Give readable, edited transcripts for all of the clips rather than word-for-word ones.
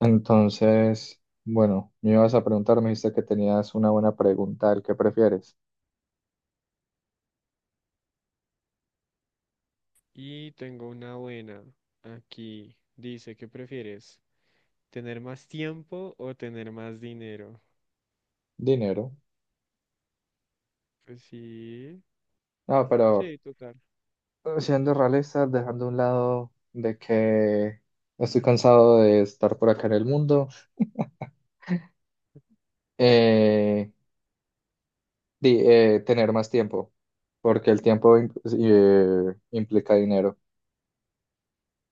Entonces, bueno, me ibas a preguntar, me dijiste que tenías una buena pregunta, ¿el qué prefieres? Y tengo una buena. Aquí dice, ¿qué prefieres? ¿Tener más tiempo o tener más dinero? Dinero. Pues sí, No, pero sí, total. Siendo realistas dejando a un lado de que estoy cansado de estar por acá en el mundo, eh, tener más tiempo, porque el tiempo implica dinero.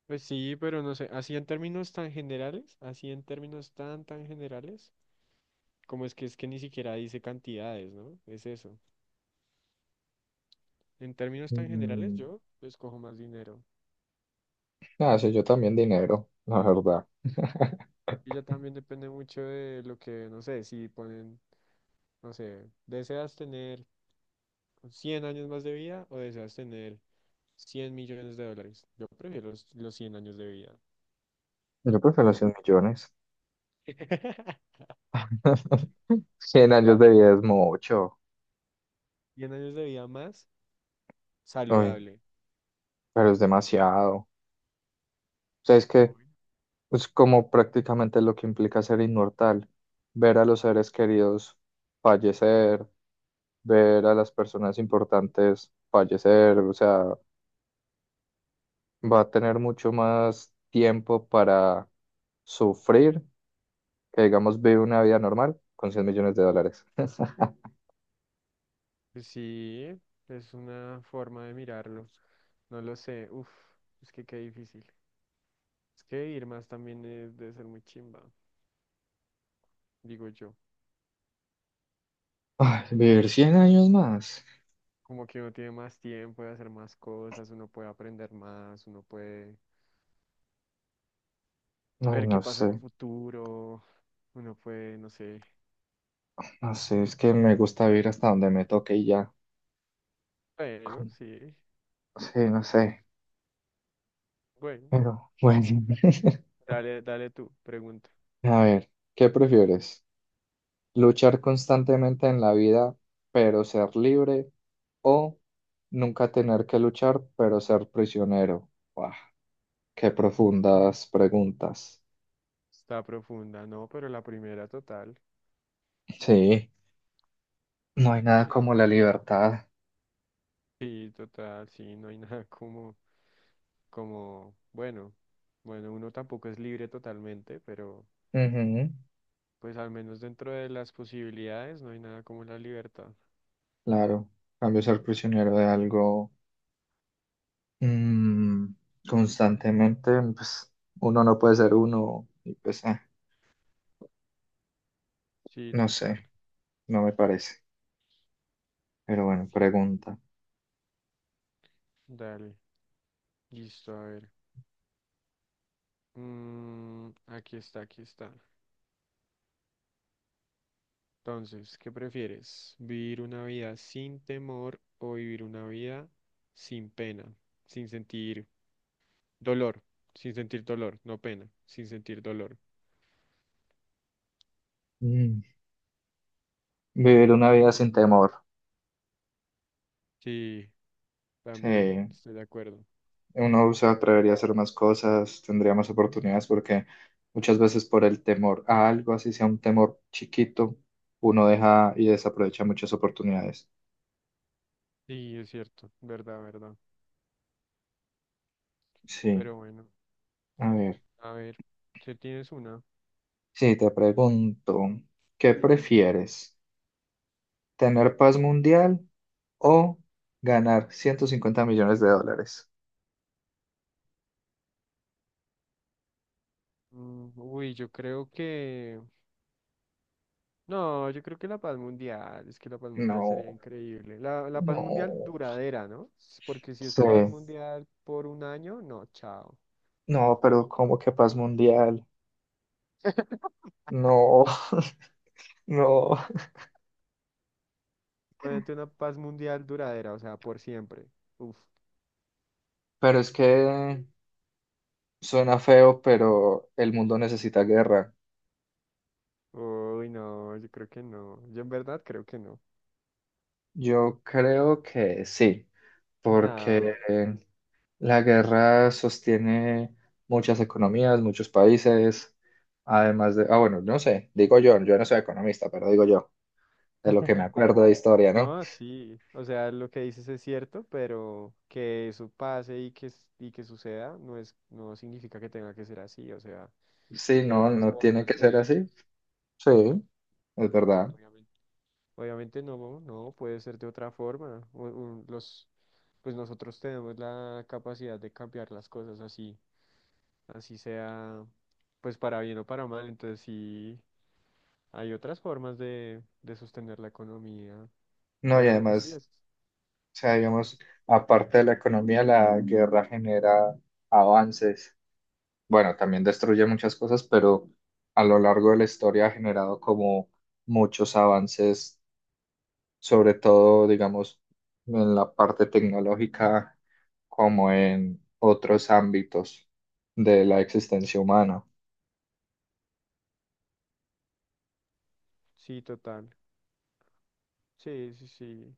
Pues sí, pero no sé, así en términos tan generales, así en términos tan generales, como es que ni siquiera dice cantidades, ¿no? Es eso. En términos tan generales, Mm, yo escojo más dinero. ah, sí, yo también dinero, la verdad. Y ya también depende mucho de lo que, no sé, si ponen, no sé, ¿deseas tener 100 años más de vida o deseas tener $100 millones? Yo prefiero los 100 años de vida. Yo prefiero 100 millones. Cien años Ya. de vida es mucho. 100 años de vida más Uy, saludable. pero es demasiado. ¿Sabes que? Uy. Es como prácticamente lo que implica ser inmortal, ver a los seres queridos fallecer, ver a las personas importantes fallecer. O sea, va a tener mucho más tiempo para sufrir que, digamos, vivir una vida normal con 100 millones de dólares. Pues sí, es una forma de mirarlo. No lo sé. Uf, es que qué difícil. Es que vivir más también debe ser muy chimba, digo yo. Ay, vivir cien Como, años más. como que uno tiene más tiempo de hacer más cosas, uno puede aprender más, uno puede Ay, ver qué no pasa sé, en el futuro, uno puede, no sé. no sé, es que me gusta vivir hasta donde me toque y ya. Bueno, Como- sí. Sí, no sé, Bueno, pero bueno. dale, dale tú, pregunta. A ver, ¿qué prefieres? Luchar constantemente en la vida, pero ser libre, o nunca tener que luchar, pero ser prisionero. Buah, qué profundas preguntas. Está profunda, no, pero la primera total. Sí, no hay nada Sí. como la libertad. Sí, total, sí, no hay nada como, bueno, bueno, uno tampoco es libre totalmente, pero Ujú. pues al menos dentro de las posibilidades no hay nada como la libertad. Claro, en cambio ser prisionero de algo, mm, constantemente, pues uno no puede ser uno, y pues Sí, no total. sé, no me parece. Pero bueno, pregunta. Dale, listo, a ver. Mm, aquí está, aquí está. Entonces, ¿qué prefieres? ¿Vivir una vida sin temor o vivir una vida sin pena, sin sentir dolor, sin sentir dolor, no pena, sin sentir dolor? Mm, Vivir una vida sin temor. Sí, también Sí. estoy de acuerdo. Uno se atrevería a hacer más cosas, tendría más oportunidades, porque muchas veces por el temor a algo, así sea un temor chiquito, uno deja y desaprovecha muchas oportunidades. Sí, es cierto, verdad, verdad. Sí, Pero bueno, a ver, a ver, si tienes una. sí, te pregunto, ¿qué prefieres? ¿Tener paz mundial o ganar 150 millones de dólares? Uy, yo creo que no, yo creo que la paz mundial, es que la paz mundial sería No, increíble. La paz mundial no. duradera, ¿no? Porque si es Sí, paz mundial por un año, no, chao. no, pero ¿cómo que paz mundial? No, no. Obviamente una paz mundial duradera, o sea, por siempre. Uf. Pero es que suena feo, pero el mundo necesita guerra. Uy, no, yo creo que no. Yo en verdad creo que no. Yo creo que sí, porque No. la guerra sostiene muchas economías, muchos países, además de, ah, bueno, no sé, digo yo, yo no soy economista, pero digo yo, de lo que me acuerdo de historia, ¿no? No, sí. O sea, lo que dices es cierto, pero que eso pase y que, y que suceda no es, no significa que tenga que ser así. O sea, Sí, hay no, otras no tiene que formas ser de, así. Sí, es verdad. obviamente, obviamente no, no, puede ser de otra forma. Pues nosotros tenemos la capacidad de cambiar las cosas así. Así sea, pues para bien o para mal. Entonces sí, hay otras formas de sostener la economía. No, y Obviamente, sí, además, es, o sea, digamos, es- aparte de la economía, la guerra genera avances. Bueno, también destruye muchas cosas, pero a lo largo de la historia ha generado como muchos avances, sobre todo, digamos, en la parte tecnológica, como en otros ámbitos de la existencia humana. sí, total. Sí, sí, sí.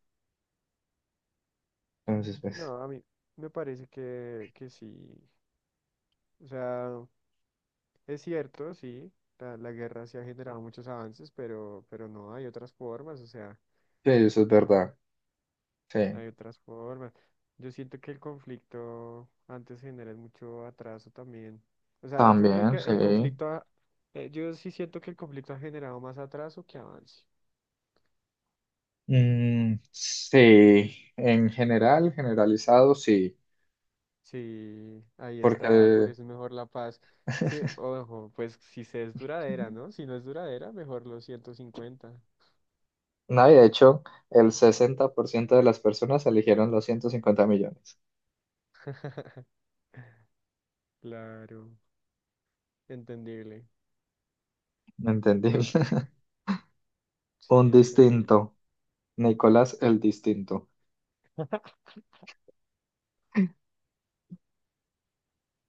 Entonces, pues, No, a mí me parece que sí. O sea, es cierto, sí, la guerra sí ha generado muchos avances, pero no, hay otras formas. O sea, sí, eso es verdad. Sí, hay otras formas. Yo siento que el conflicto antes genera mucho atraso también. O sea, yo creo también, que sí. el conflicto, yo sí siento que el conflicto ha generado más atraso que avance. Mm, sí, en general, generalizado, sí, Sí, ahí porque está, por eso es mejor la paz. Sí, ojo, pues si se es duradera, ¿no? Si no es duradera, mejor los 150. No, y de hecho, el 60% de las personas eligieron los 150 millones. Claro, entendible. Entendí. Ah, sí, sí, Un entendible. distinto. Nicolás el distinto.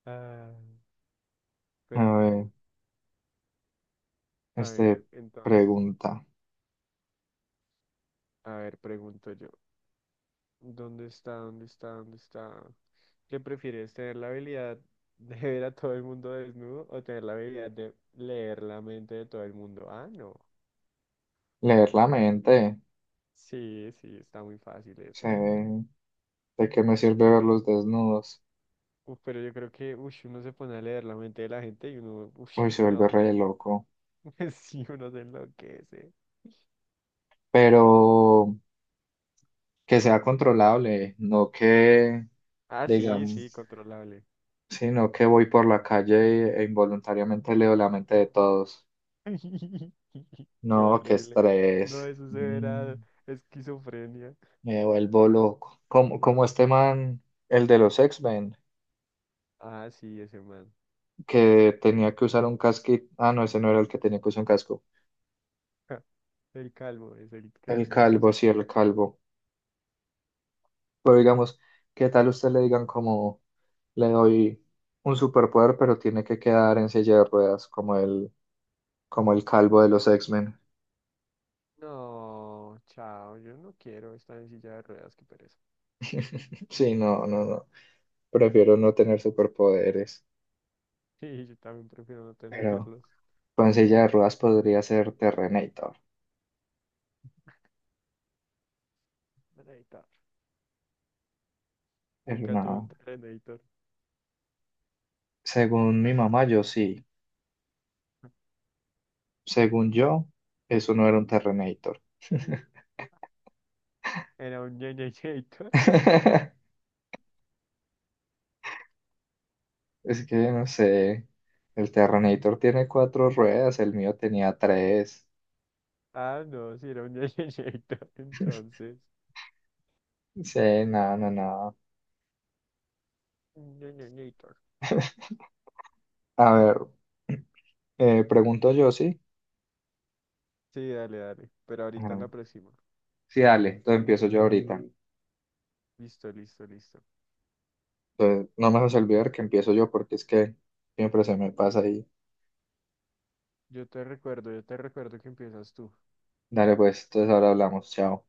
Ah, A pero bueno, ver, a ver, este, entonces, pregunta. a ver, pregunto yo. ¿Dónde está? ¿Dónde está? ¿Dónde está? ¿Qué prefieres? ¿Tener la habilidad de ver a todo el mundo desnudo o tener la habilidad de leer la mente de todo el mundo? Ah, no. Leer la mente. Sí, sí, está muy fácil Sí, eso. ¿de qué me sirve verlos desnudos? Uf, pero yo creo que ush, uno se pone a leer la mente de la gente y uno, uff, Uy, se vuelve no. re loco. Sí, uno se enloquece. Pero que sea controlable, no que, Ah, sí, sí, digamos, controlable. sino que Sí. voy por la calle e involuntariamente leo la mente de todos. Qué No, qué horrible. No, estrés. eso se Mm. verá esquizofrenia. Me vuelvo loco. Como este man, el de los X-Men, Ah, sí, ese man. que tenía que usar un casquito. Ah, no, ese no era el que tenía que usar un casco. El calvo es El el calvo, casco. sí, el calvo. Pero digamos, ¿qué tal usted le digan como le doy un superpoder, pero tiene que quedar en silla de ruedas, como el, calvo de los X-Men? No, chao, yo no quiero estar en silla de ruedas, qué pereza. Sí, no, no, no. Prefiero no tener superpoderes. Sí, yo también prefiero no Pero tenerlos. con silla de Pobre ruedas podría ser Terrenator. Terrenator. Pero Nunca tuve un no. Terrenator. Según mi mamá, yo sí. Según yo, eso no era un Terrenator. ¿Era un Ñeñeñator? Es que no sé, el Terrenator tiene cuatro ruedas, el mío tenía tres. Ah, no, sí, era un Ñeñeñator, entonces. Sí, nada, nada, nada. Un Ñeñeñator. A ver, pregunto yo, ¿sí? Sí, dale, dale. Pero ahorita en Ajá. la próxima. Sí, dale, entonces empiezo yo ahorita. Listo, listo, listo. Entonces, no me vas a olvidar que empiezo yo porque es que siempre se me pasa ahí. Yo te recuerdo que empiezas tú. Dale, pues, entonces ahora hablamos, chao.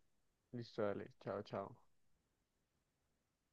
Listo, dale. Chao, chao.